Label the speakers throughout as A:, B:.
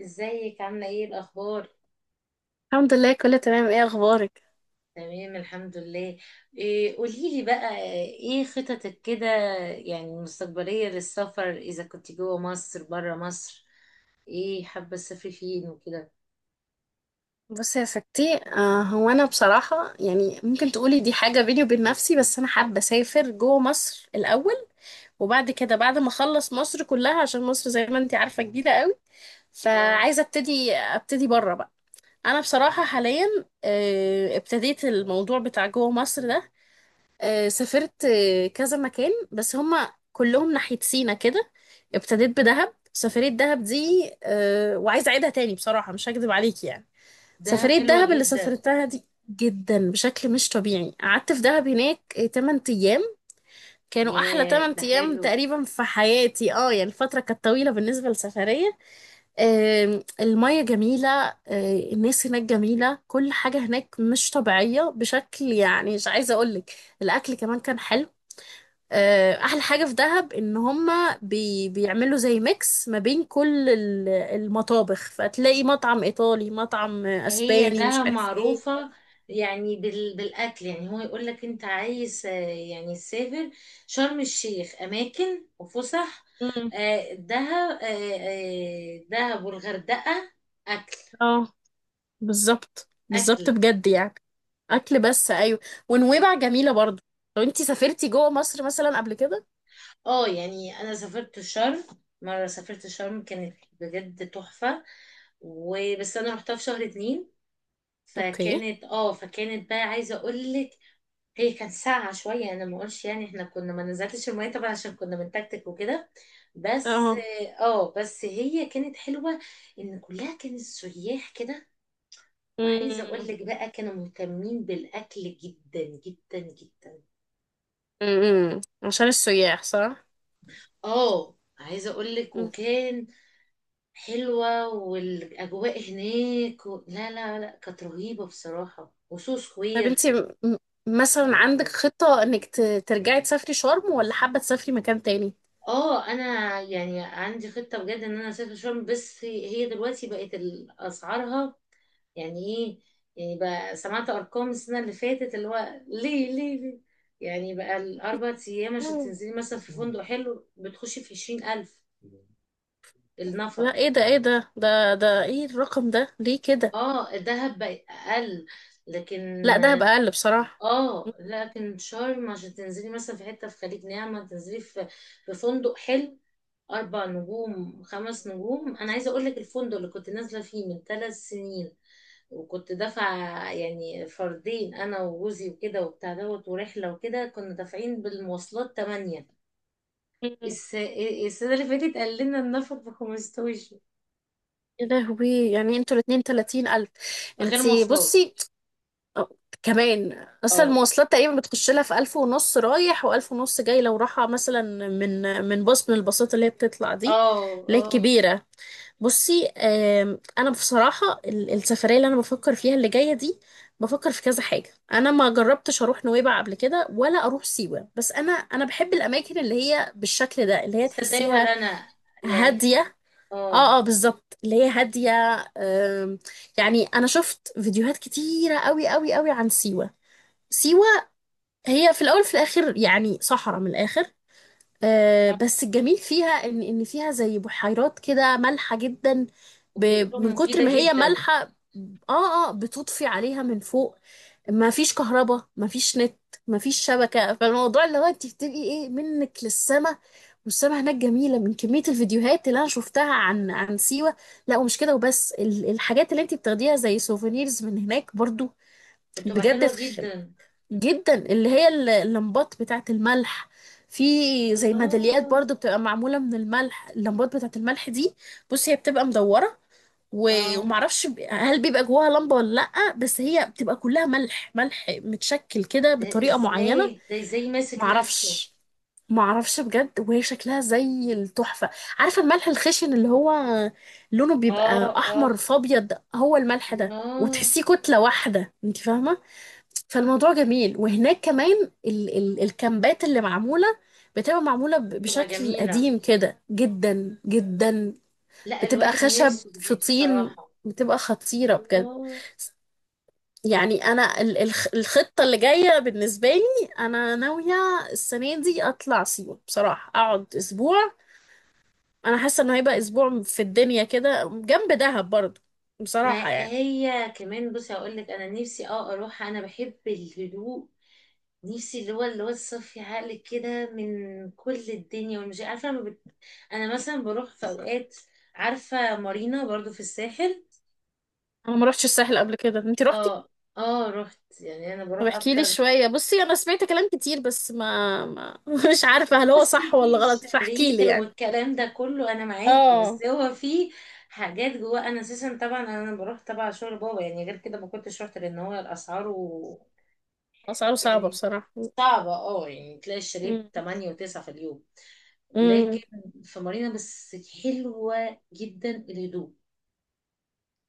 A: ازيك عاملة ايه الأخبار؟
B: الحمد لله، كله تمام. ايه اخبارك؟
A: تمام الحمد لله. إيه قوليلي بقى؟ ايه خططك كده، يعني المستقبلية للسفر، إذا كنت جوه مصر برا مصر؟ ايه حابة تسافري فين وكده؟
B: بصي يا ستي، هو انا بصراحه يعني ممكن تقولي دي حاجه بيني وبين نفسي، بس انا حابه اسافر جوه مصر الاول. وبعد كده بعد ما اخلص مصر كلها، عشان مصر زي ما انتي عارفه جديده قوي.
A: اه.
B: فعايزه ابتدي بره بقى. انا بصراحه حاليا. ابتديت الموضوع بتاع جوه مصر ده. سافرت كذا مكان، بس هما كلهم ناحيه سينا كده. ابتديت بدهب. سفرية دهب دي وعايزة أعيدها تاني بصراحة، مش هكذب عليكي يعني.
A: دهب
B: سفرية
A: حلوة
B: دهب اللي
A: جدا.
B: سافرتها دي جدا بشكل مش طبيعي. قعدت في دهب هناك 8 أيام. كانوا أحلى
A: ياه،
B: 8
A: ده
B: أيام
A: حلو.
B: تقريبا في حياتي، يعني الفترة كانت طويلة بالنسبة للسفرية. المية جميلة. الناس هناك جميلة، كل حاجة هناك مش طبيعية بشكل يعني مش عايزة أقولك. الأكل كمان كان حلو. أحلى حاجة في دهب إن هما بيعملوا زي ميكس ما بين كل المطابخ، فتلاقي مطعم إيطالي، مطعم
A: هي
B: أسباني، مش
A: ده
B: عارف إيه.
A: معروفة. يعني بالأكل، يعني هو يقول لك أنت عايز، يعني تسافر شرم الشيخ أماكن وفسح.
B: امم،
A: دهب، دهب والغردقة. أكل.
B: اه، بالظبط، بالظبط
A: أكل.
B: بجد يعني. اكل، بس ايوه. ونويبع جميله برضو. لو انتي سافرتي جوه مصر مثلا قبل كده؟
A: اه، يعني أنا سافرت شرم. مرة سافرت شرم كانت بجد تحفة، وبس أنا رحتها في شهر اتنين.
B: اوكي.
A: فكانت بقى عايزة أقولك، هي كانت ساقعة شوية. أنا ما أقولش، يعني إحنا كنا ما نزلتش المية طبعا عشان كنا بنتكتك وكده. بس
B: اه،
A: بس هي كانت حلوة، إن كلها كانت سياح كده. وعايزة أقول
B: امم
A: لك بقى، كانوا مهتمين بالأكل جدا جدا جدا.
B: عشان السياح، صح.
A: عايزة أقول لك،
B: مم.
A: وكان حلوة والأجواء هناك و... لا لا لا، كانت رهيبة بصراحة، وسو
B: طب
A: سكوير.
B: انتي مثلا عندك خطه انك ترجعي تسافري شرم، ولا حابه تسافري مكان تاني؟
A: اه، انا يعني عندي خطه بجد ان انا اسافر شرم، بس هي دلوقتي بقت اسعارها، يعني ايه؟ يعني بقى سمعت ارقام السنه اللي فاتت، اللي هو ليه ليه ليه، يعني بقى الاربع ايام عشان
B: مم.
A: تنزلي مثلا في فندق حلو بتخشي في 20 الف النفر.
B: لا، ايه ده، ايه الرقم ده ليه كده؟
A: اه، الدهب بقى اقل،
B: لا،
A: لكن
B: ده هبقى اقل بصراحه.
A: اه، لكن شرم عشان تنزلي مثلا في حته في خليج نعمه، تنزلي في فندق حلو، اربع نجوم خمس نجوم. انا عايزه اقول لك الفندق اللي كنت نازله فيه من 3 سنين، وكنت دافعة، يعني فردين أنا وجوزي وكده وبتاع دوت ورحلة وكده، كنا دافعين بالمواصلات 8.
B: مم.
A: الس... السنة اللي فاتت قال لنا النفر ب15
B: يا لهوي، يعني انتوا الاتنين 30000!
A: غير
B: انتي
A: مواصلات.
B: بصي. أه، كمان اصلا
A: اه
B: المواصلات تقريبا بتخش لها في 1500 رايح وألف ونص جاي، لو رايحة مثلا. من باص، من الباصات اللي هي بتطلع دي،
A: اه
B: اللي هي
A: اه،
B: الكبيرة. بصي، انا بصراحة السفرية اللي انا بفكر فيها اللي جاية دي، بفكر في كذا حاجة. انا ما جربتش اروح نويبع قبل كده ولا اروح سيوة، بس انا بحب الاماكن اللي هي بالشكل ده، اللي هي
A: تصدقي ولا
B: تحسيها
A: أنا، يعني
B: هادية. اه،
A: اه
B: اه، بالظبط، اللي هي هادية. آم، يعني انا شفت فيديوهات كتيرة قوي قوي قوي عن سيوة. سيوة هي في الاول في الاخر يعني صحراء من الاخر.
A: آه.
B: بس الجميل فيها ان فيها زي بحيرات كده مالحة جدا،
A: وبيقولوا
B: من كتر
A: مفيدة
B: ما هي
A: جدا.
B: مالحة. اه، اه، بتطفي عليها من فوق. ما فيش كهرباء، ما فيش نت، ما فيش شبكة. فالموضوع اللي هو انت بتبقي ايه، منك للسما، والسما هناك جميلة، من كمية الفيديوهات اللي انا شفتها عن سيوة. لا، ومش كده وبس، الحاجات اللي انت بتاخديها زي سوفينيرز من هناك برضو
A: بتبقى
B: بجد،
A: حلوة جدا.
B: جدا. اللي هي اللمبات بتاعة الملح. في زي ميداليات
A: الله.
B: برضو بتبقى معمولة من الملح، اللمبات بتاعة الملح دي، بصي هي بتبقى مدورة
A: اه
B: ومعرفش، هل بيبقى جواها لمبة ولا لأ، بس هي بتبقى كلها ملح، ملح متشكل كده
A: ده
B: بطريقة
A: ازاي،
B: معينة.
A: ده ازاي ماسك نفسه؟
B: معرفش، معرفش بجد، وهي شكلها زي التحفة. عارفة الملح الخشن اللي هو لونه
A: اه
B: بيبقى
A: اه.
B: أحمر في أبيض، هو الملح ده،
A: الله.
B: وتحسيه كتلة واحدة، انت فاهمة؟ فالموضوع جميل. وهناك كمان ال ال الكامبات اللي معمولة، بتبقى معمولة
A: بتبقى
B: بشكل
A: جميلة.
B: قديم كده جدا جدا،
A: لا،
B: بتبقى
A: الواحد
B: خشب
A: نفسه في
B: في
A: دي
B: طين،
A: بصراحة.
B: بتبقى خطيرة بجد.
A: الله.
B: يعني انا الخطة اللي جاية بالنسبة لي انا ناوية السنة دي اطلع سيوة بصراحة، اقعد اسبوع. انا حاسة انه هيبقى اسبوع في الدنيا، كده جنب دهب برضه،
A: ما
B: بصراحة يعني.
A: هي كمان، بصي هقول لك انا نفسي اروح، انا بحب الهدوء. نفسي اللي هو الصفي عقل كده من كل الدنيا، والمش عارفة ما بت... انا مثلا بروح في اوقات، عارفة مارينا برضو في الساحل.
B: انا ما رحتش الساحل قبل كده، انت رحتي؟
A: اه. اه، رحت، يعني انا
B: طب
A: بروح
B: احكي لي
A: اكتر.
B: شوية. بصي، انا سمعت كلام كتير، بس ما, ما مش عارفة هل هو
A: بصي،
B: صح
A: في
B: ولا غلط، فاحكي لي
A: الشرير
B: يعني.
A: والكلام ده كله انا معاكي،
B: اه،
A: بس هو في حاجات جواه. انا اساسا طبعا انا بروح تبع شغل بابا، يعني غير كده ما كنتش رحت، لان هو الاسعار و...
B: اسعاره صعبة
A: يعني
B: بصراحة.
A: صعبة. اه، يعني تلاقي الشرير 8 و9 في اليوم، لكن
B: مم.
A: في مارينا بس، حلوة جدا الهدوء.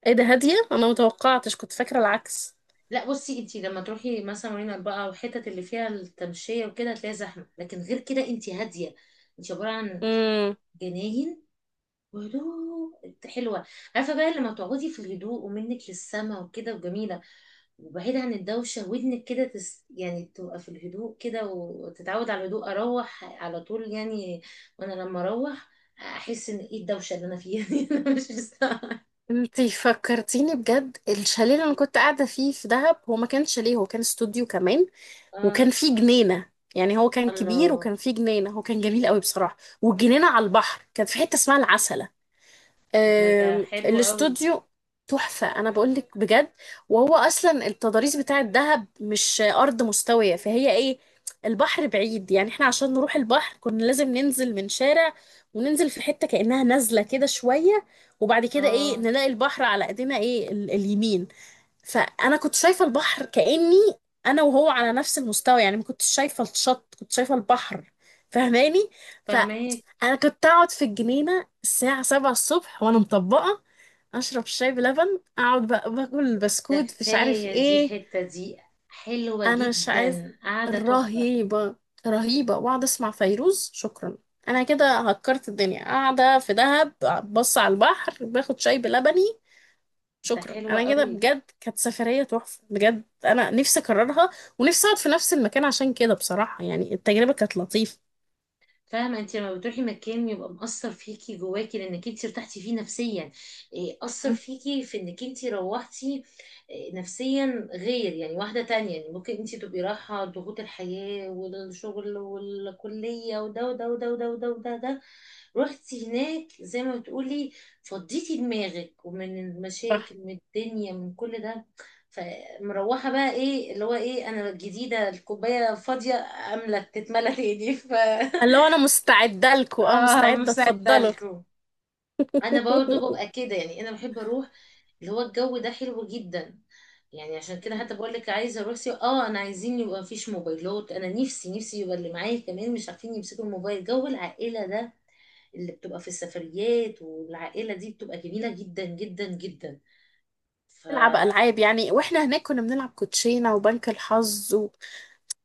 B: ايه ده؟ هادية؟ انا متوقعتش، كنت فاكرة العكس.
A: لا بصي، انتي لما تروحي مثلا مارينا بقى، والحتت اللي فيها التمشية وكده هتلاقي زحمة، لكن غير كده انتي هادية، انتي عبارة عن
B: امم.
A: جناين. ولو انت حلوه، عارفه بقى لما تقعدي في الهدوء، ومنك للسما وكده، وجميله، وبعيد عن الدوشه ودنك كده يعني تبقى في الهدوء كده، وتتعود على الهدوء، اروح على طول يعني. وانا لما اروح، احس ان ايه الدوشه اللي انا فيها دي انا مش مستاهله.
B: انتي فكرتيني بجد، الشاليه اللي انا كنت قاعدة فيه في دهب، هو ما كانش شاليه، هو كان استوديو كمان،
A: اه.
B: وكان فيه جنينة. يعني هو كان كبير
A: الله.
B: وكان فيه جنينة، هو كان جميل قوي بصراحة، والجنينة على البحر كانت في حتة اسمها العسل.
A: ده حلو قوي.
B: الاستوديو تحفة، أنا بقولك بجد. وهو أصلا التضاريس بتاع الدهب مش أرض مستوية، فهي إيه، البحر بعيد، يعني إحنا عشان نروح البحر كنا لازم ننزل من شارع، وننزل في حتة كأنها نازلة كده شوية، وبعد كده إيه،
A: اه،
B: نلاقي البحر على إيدينا إيه، اليمين. فانا كنت شايفه البحر كاني انا وهو على نفس المستوى، يعني ما كنتش شايفه الشط، كنت شايفه البحر. فاهماني؟
A: فاهمك.
B: فانا كنت اقعد في الجنينه الساعه 7 الصبح وانا مطبقه، اشرب شاي بلبن، اقعد بقى باكل
A: ده
B: بسكوت مش عارف
A: كفايه، دي
B: ايه.
A: الحته دي حلوه
B: انا مش عايز،
A: جدا، قاعده تحفه.
B: رهيبه، رهيبه، واقعد اسمع فيروز. شكرا، انا كده هكرت الدنيا، قاعده في دهب، بص على البحر، باخد شاي بلبني.
A: ده
B: شكرا،
A: حلوه
B: انا كده
A: قوي.
B: بجد كانت سفرية تحفة بجد، انا نفسي اكررها، ونفسي اقعد في نفس المكان، عشان كده بصراحة يعني التجربة كانت لطيفة.
A: فاهمة، انت لما بتروحي مكان يبقى مأثر فيكي جواكي، لانك انت ارتحتي فيه نفسيا. إيه، أثر
B: مم.
A: فيكي في انك انت روحتي، إيه، نفسيا غير يعني واحدة تانية، يعني ممكن انت تبقي رايحة ضغوط الحياة والشغل والكلية وده وده وده وده وده وده ده، رحتي هناك زي ما بتقولي، فضيتي دماغك ومن
B: صح.
A: المشاكل، من الدنيا، من كل ده. فمروحة بقى، ايه اللي هو، ايه، انا الجديدة الكوباية فاضية، املت تتملى تاني ف
B: اللي هو انا مستعدة لكم، اه
A: اه،
B: مستعدة،
A: مساعدة
B: اتفضلوا.
A: لكم. انا برضو ببقى كده، يعني انا بحب اروح، اللي هو الجو ده حلو جدا. يعني عشان كده
B: مم.
A: حتى بقول لك، عايزه اروح سيوة. اه انا عايزين يبقى مفيش موبايلات، انا نفسي نفسي يبقى اللي معايا كمان مش عارفين يمسكوا الموبايل، جو العائله ده اللي بتبقى في السفريات والعائله دي بتبقى جميله جدا جدا جدا.
B: نلعب العاب يعني، واحنا هناك كنا بنلعب كوتشينة وبنك الحظ و...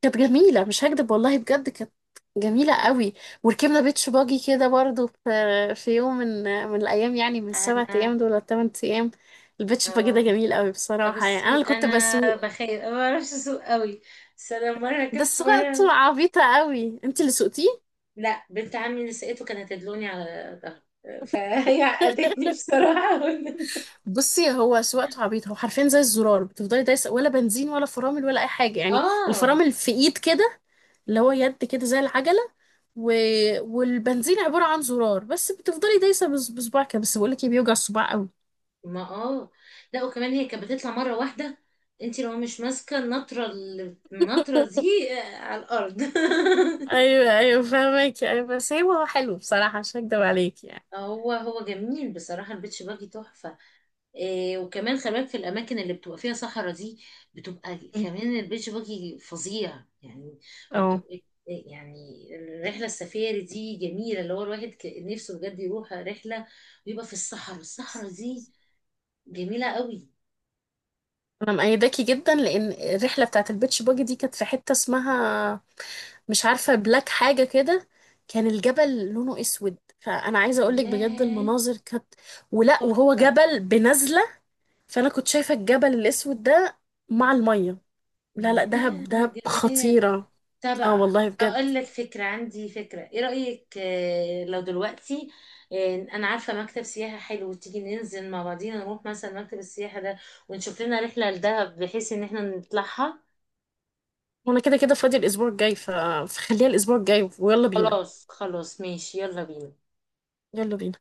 B: كانت جميلة، مش هكدب والله بجد، كانت جميلة قوي. وركبنا بيتش باجي كده برضو، في يوم من من الأيام، يعني من السبع
A: فانا
B: أيام دول ولا التمن أيام. البيتش باجي ده
A: اه
B: جميل قوي بصراحة، يعني أنا
A: بصي،
B: اللي كنت
A: انا
B: بسوق.
A: بخير، أنا ما بعرفش اسوق قوي، بس انا مره
B: ده
A: ركبت
B: سواقته
A: مره.
B: عبيطة قوي، انت اللي سوقتيه؟
A: لا، بنت عمي نسيته، كانت تدلوني على ظهري فهي عقدتني بصراحة
B: بصي هو سواقته عبيطة، هو حرفيا زي الزرار، بتفضلي دايسة ولا بنزين ولا فرامل ولا أي حاجة يعني.
A: اه.
B: الفرامل في إيد كده، اللي هو يد كده زي العجلة، و... والبنزين عبارة عن زرار بس، بتفضلي دايسة بصباعك كده. بس بقولك ايه، بيوجع الصباع قوي.
A: ما اه لا، وكمان هي كانت بتطلع مرة واحدة، انت لو مش ماسكة النطرة النطرة دي على الأرض
B: أيوه، أيوه، فاهمك، أيوه بس هو حلو بصراحة، مش هكدب عليك يعني.
A: هو جميل بصراحة، البيتش باجي تحفة. إيه، وكمان خلي بالك في الأماكن اللي بتبقى فيها صحراء دي، بتبقى كمان البيتش باجي فظيع يعني،
B: اه.
A: وبتبقى إيه يعني. الرحلة السفاري دي جميلة، اللي هو الواحد نفسه بجد يروح رحلة ويبقى في الصحراء دي جميلة قوي.
B: أنا مأيداكي جدا، لأن الرحلة بتاعت البيتش باجي دي كانت في حتة اسمها، مش عارفة، بلاك حاجة كده. كان الجبل لونه اسود، فانا عايزة اقولك بجد
A: ياه،
B: المناظر كانت، ولا وهو
A: تحفة.
B: جبل بنزلة. فانا كنت شايفة الجبل الاسود ده مع المية. لا، لا، دهب،
A: ياه على
B: دهب
A: الجمال.
B: خطيرة.
A: طب،
B: اه والله بجد.
A: اقول لك فكرة، عندي فكرة، ايه رأيك لو دلوقتي انا عارفة مكتب سياحة حلو، تيجي ننزل مع بعضينا، نروح مثلا مكتب السياحة ده، ونشوف لنا رحلة لدهب بحيث ان احنا نطلعها.
B: وانا كده كده فاضي الاسبوع الجاي، ف... فخليها الاسبوع الجاي، ويلا بينا.
A: خلاص خلاص ماشي، يلا بينا.
B: يلا بينا.